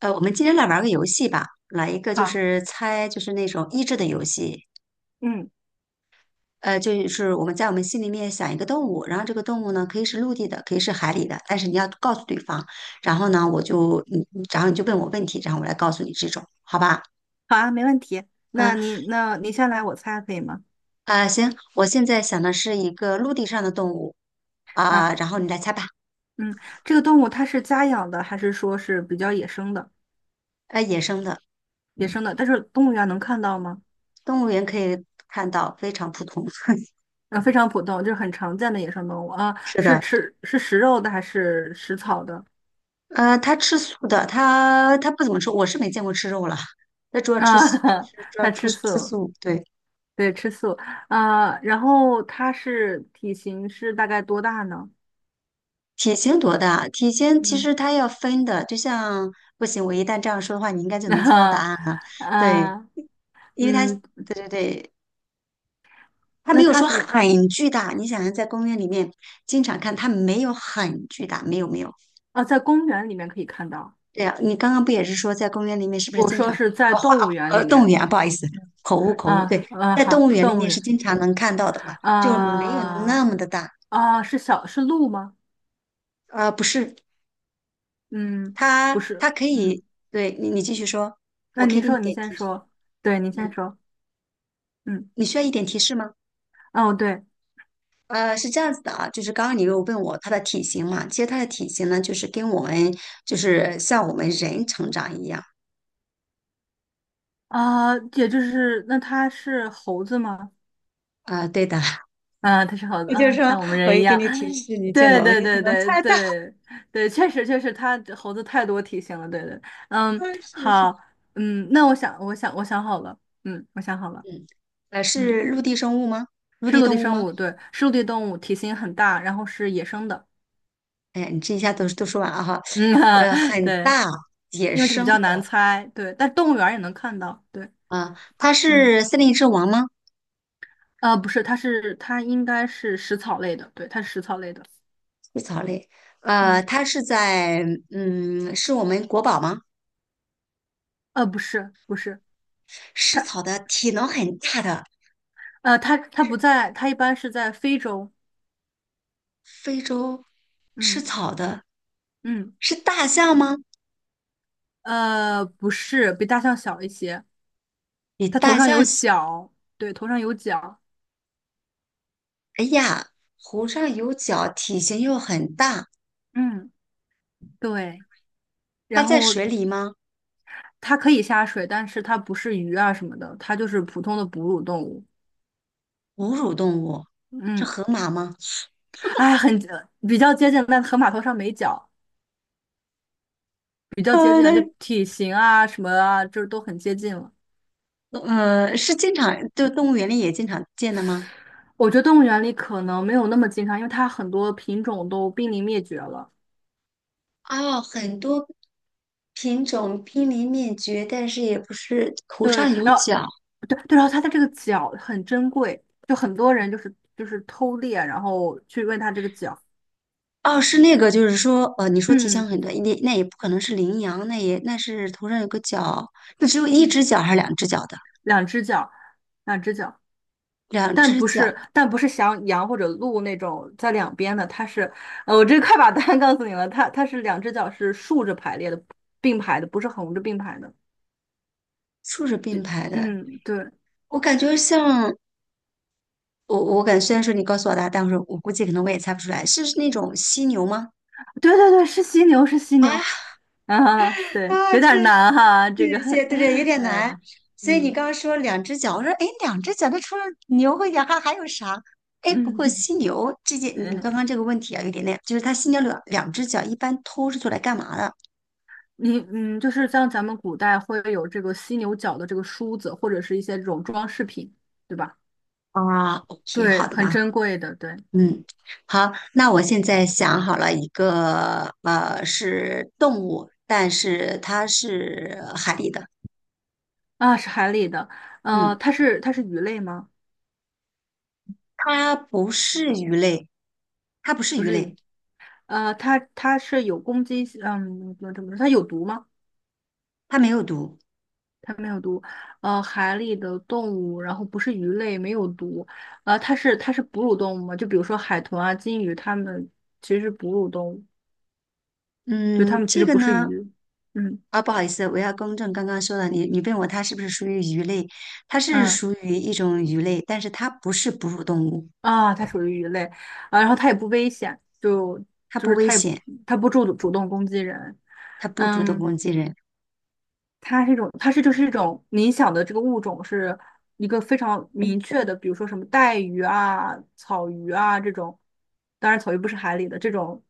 我们今天来玩个游戏吧，来一个好，猜，就是那种益智的游戏。嗯，就是我们心里面想一个动物，然后这个动物呢可以是陆地的，可以是海里的，但是你要告诉对方。然后呢，我就你，你然后你就问我问题，然后我来告诉你这种，好吧？好啊，没问题。那嗯你那你先来，我猜可以吗？啊，行，我现在想的是一个陆地上的动物啊，啊，然后你来猜吧。嗯，这个动物它是家养的，还是说是比较野生的？呃，野生的，野生的，但是动物园能看到吗？动物园可以看到，非常普通。啊，非常普通，就是很常见的野生动物啊。是是的。吃是食肉的还是食草的？呃，他吃素的，他不怎么吃，我是没见过吃肉了，他主要吃啊，素，就 是主要它吃吃吃素，素。对，对，吃素。啊，然后它体型是大概多大呢？体型多大？体型其嗯，实它要分的，就像不行，我一旦这样说的话，你应该 就能猜到答那、案了。对，啊，因为它，嗯，对对对，它没那有它说是很巨大。你想想，在公园里面经常看，它没有很巨大，没有没有。啊，在公园里面可以看到。对呀，你刚刚不也是说在公园里面是不是我经说常是在呃花动物园里动物面园啊？不好意思，口误口误。啊，对，嗯，在动好，物园里动物面是园经常能看到的嘛，就没有那啊，么的大。啊，是鹿吗？啊，不是，嗯，它不它是，可嗯，以，对你继续说，我那可以您给你说，您点先提示。说，对，您先嗯，说，嗯，你需要一点提示吗？哦，对呃，是这样子的啊，就是刚刚你又问我它的体型嘛，其实它的体型呢，就是跟我们就是像我们人成长一样。啊，也就是那它是猴子吗？啊、对的，啊，它是猴 子我就啊，说像我们我人一一给样，你提 示，你就对能对你就对能对猜到。对对，确实确实，它猴子太多体型了，对对，嗯，是是。好，嗯，那我想好了，嗯，我想好了，嗯，呃，嗯。是陆地生物吗？陆是地陆地动物生吗？物，对，是陆地动物，体型很大，然后是野生的。哎呀，你这一下都说完了哈。嗯，呃，很对，大，野因为这个比生较难的猜，对，但动物园儿也能看到，对，啊，它嗯，是森林之王吗？不是，它应该是食草类的，对，它是食草类的，食草类，呃，嗯，它是在嗯，是我们国宝吗？不是，不是，食它，草的，体能很大的，它是不在，它一般是在非洲，非洲吃嗯草的，嗯，是大象吗？不是，比大象小一些，比它头大上象有小，角，对，头上有角，哎呀，湖上有脚，体型又很大，嗯，对，它然在后。水里吗？它可以下水，但是它不是鱼啊什么的，它就是普通的哺乳动物。哺乳动物，是嗯，河马吗？哎，比较接近，但河马头上没角，比较接呃，近那了，就体型啊什么啊，就是都很接近了。嗯，呃是经常，就动物园里也经常见的吗？我觉得动物园里可能没有那么经常，因为它很多品种都濒临灭绝了。哦，很多品种濒临灭绝，但是也不是头对，上有然后角。对对，然后它的这个角很珍贵，就很多人就是偷猎，然后去问它这个角。哦，是那个，就是说，呃，你说体型嗯很短，那也不可能是羚羊，那是头上有个角，那只有一嗯，只角还是两只角的？两只脚，两只脚。两但只不角，是，但不是像羊或者鹿那种在两边的，它是，我这快把答案告诉你了，它是两只脚是竖着排列的，并排的，不是横着并排的。竖着并排的。嗯，对，我感觉像我感觉虽然说你告诉我答案，但是我估计可能我也猜不出来，是那种犀牛吗？对对对，是犀牛，是犀啊，牛。啊，对，啊！有点真的难哈，这个，谢谢，对对，有 点难。呃，所以你嗯刚刚说两只脚，我说哎，诶两只脚，那除了牛和羊还有啥？哎，不过嗯犀牛这件，你刚嗯 刚这个问题啊，有点那，就是它犀牛两只脚一般偷是做来干嘛的？你就是像咱们古代会有这个犀牛角的这个梳子，或者是一些这种装饰品，对吧？啊，OK，对，好的吧，很珍贵的，对，嗯。嗯，好，那我现在想好了一个，呃，是动物，但是它是海里的，啊，是海里的，嗯，它是鱼类吗？它不是鱼类，它不是不鱼是鱼，类，它是有攻击性，嗯，怎么说？它有毒吗？它没有毒，它没有毒，海里的动物，然后不是鱼类，没有毒，它是哺乳动物吗？就比如说海豚啊、金鱼，它们其实是哺乳动物，对，它嗯，们其这实个不是呢。鱼，嗯啊，不好意思，我要更正刚刚说的，你问我它是不是属于鱼类，它是嗯属于一种鱼类，但是它不是哺乳动物，啊，它属于鱼类，啊，然后它也不危险，就它就不是危它也险，它不主动攻击人，它不主动嗯。攻击人，它是一种，它是就是一种你想的这个物种是一个非常明确的，比如说什么带鱼啊、草鱼啊这种，当然草鱼不是海里的这种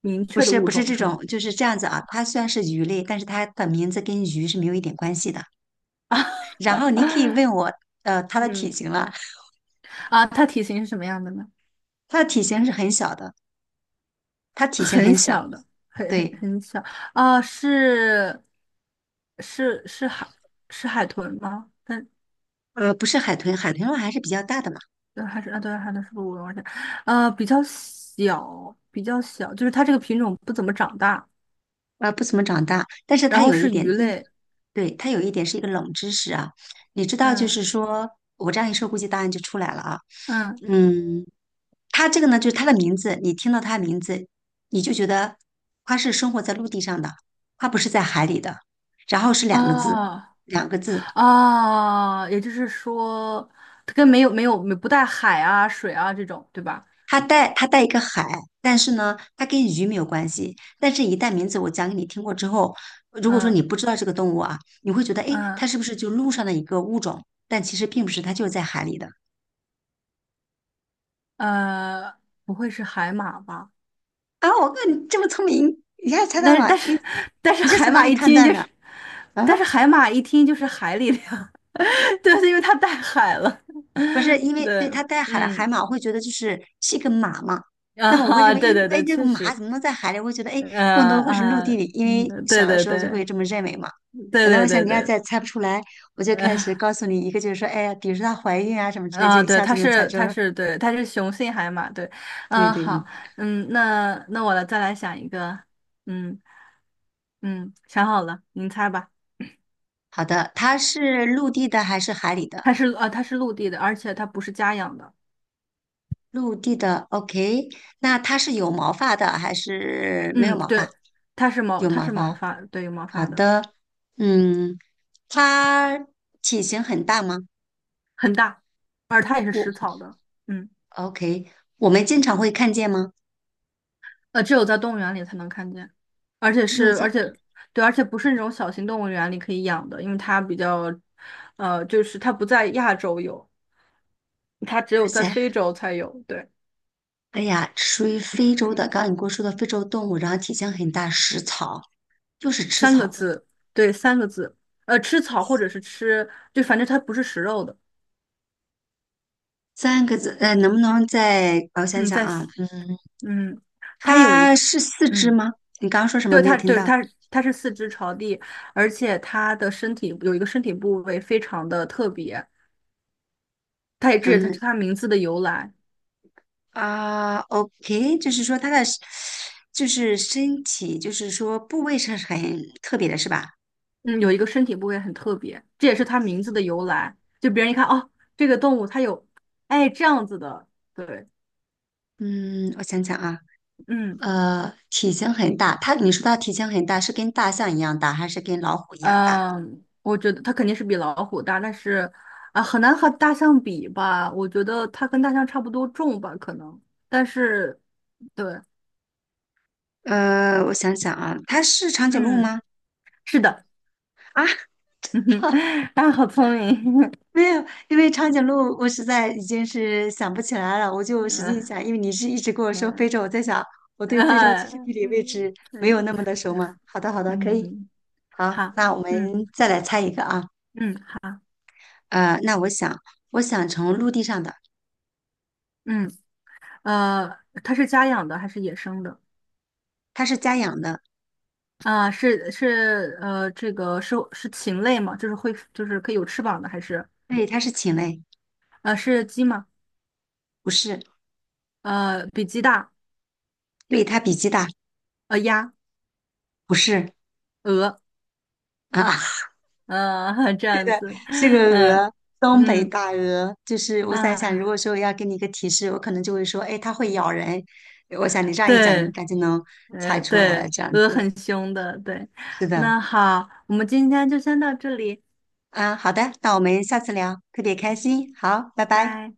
明不确的是物不是种这是种，吗？就是这样子啊。它虽然是鱼类，但是它的名字跟鱼是没有一点关系的。然后你可以 问我，呃，它的体嗯，型了，啊，它体型是什么样的呢？它的体型是很小的，它体型很很小，小的，很很对，很小啊，是是是海是海豚吗？但呃，不是海豚，海豚的话还是比较大的嘛。还是啊，对，海豚是不是我忘记了？比较小，比较小，就是它这个品种不怎么长大，呃，不怎么长大，但是然它后有一是点，鱼嗯，类。对，它有一点是一个冷知识啊。你知道，就嗯是说我这样一说，估计答案就出来了啊。嗯，嗯，它这个呢，就是它的名字，你听到它的名字，你就觉得它是生活在陆地上的，它不是在海里的。然后是两个字，哦两个字，哦，也就是说，它跟没有不带海啊、水啊这种，对吧？它带一个海，但是呢，它跟鱼没有关系。但是，一旦名字我讲给你听过之后，如果说嗯你不知道这个动物啊，你会觉得，诶，它嗯是不是就陆上的一个物种？但其实并不是，它就是在海里的。呃，不会是海马吧？啊，我看你这么聪明，一下猜到但是了，但是 你 但是你是海从哪马里一判听断就的？是，啊？但是海马一听就是海里的呀，对，因为它带海了，不是因 为对对，它带海了海嗯马，我会觉得就是是一个马嘛。那么我会认啊，为，哎对对哎，对，这个确马怎实，么能在海里？我会觉得，哎，更多会是陆啊，地里，因为嗯，小对的对时候就对会这么认为嘛。对本来我对想对你要对。再猜不出来，我就开始 告诉你一个，就是说，哎呀，比如说她怀孕啊什么之类，就啊，一对，下它就能猜是，出它了。是，对，它是雄性海马，对，对嗯，对，嗯，好，嗯，那我来想一个，嗯嗯，想好了，您猜吧，好的，它是陆地的还是海里的？它是陆地的，而且它不是家养的，陆地的，OK。那它是有毛发的还是没有嗯，毛发？对，它是毛，有它毛是毛发。发，对，有毛好发的，的，嗯。它体型很大吗？很大，而它也是我 食草的，嗯，OK，我们经常会看见吗？只有在动物园里才能看见，而且只有是，这而且对，而且不是那种小型动物园里可以养的，因为它比较，就是它不在亚洲有。它只哇有在塞，非洲才有，对，哎呀，属于非洲的，刚刚你跟我说的非洲动物，然后体型很大，食草，就是吃三个草的。字，对，三个字，吃草或者是吃，就反正它不是食肉的，三个字，呃，能不能再我想嗯，想在，啊？嗯，嗯，它有一它个，是四肢嗯，吗？你刚刚说什么对，没有它，听对，到？它是四肢朝地，而且它的身体有一个身体部位非常的特别，它也这也它嗯是它名字的由来，啊，OK，就是说它的就是身体，就是说部位是很特别的，是吧？嗯，有一个身体部位很特别，这也是它名字的由来，就别人一看，哦，这个动物它有，哎，这样子的，对，嗯，我想想啊。嗯。呃，体型很大，你说它体型很大，是跟大象一样大，还是跟老虎一样大？嗯，我觉得它肯定是比老虎大，但是啊，很难和大象比吧？我觉得它跟大象差不多重吧，可能。但是，对，呃，我想想啊，它是长颈鹿嗯，吗？是的，啊，嗯哼，啊，好聪明，没有，因为长颈鹿我实在已经是想不起来了，我就 使嗯劲想，因为你是一直跟我说非嗯洲，我在想我对非洲哎，其实地理位嗯置没有对那么的熟嘛。好的，好的，可以，嗯，好，好，那我们嗯再来猜一个啊，嗯好，呃，那我想，我想从陆地上的，嗯呃，它是家养的还是野生的？它是家养的，啊，这个是禽类吗？就是会就是可以有翅膀的，还是对，它是禽类，是鸡吗？不是，比鸡大，对，它比鸡大，鸭，不是鹅，啊。这样子，是个嗯鹅，东北嗯大鹅。就是我在想，如啊，果说要给你一个提示，我可能就会说，哎，它会咬人。我想你这样一讲，你应对，该就能猜出来了。对，这样鹅子，很凶的，对，是的，那好，我们今天就先到这里，啊，好的，那我们下次聊，特别开心。好，拜拜拜。拜。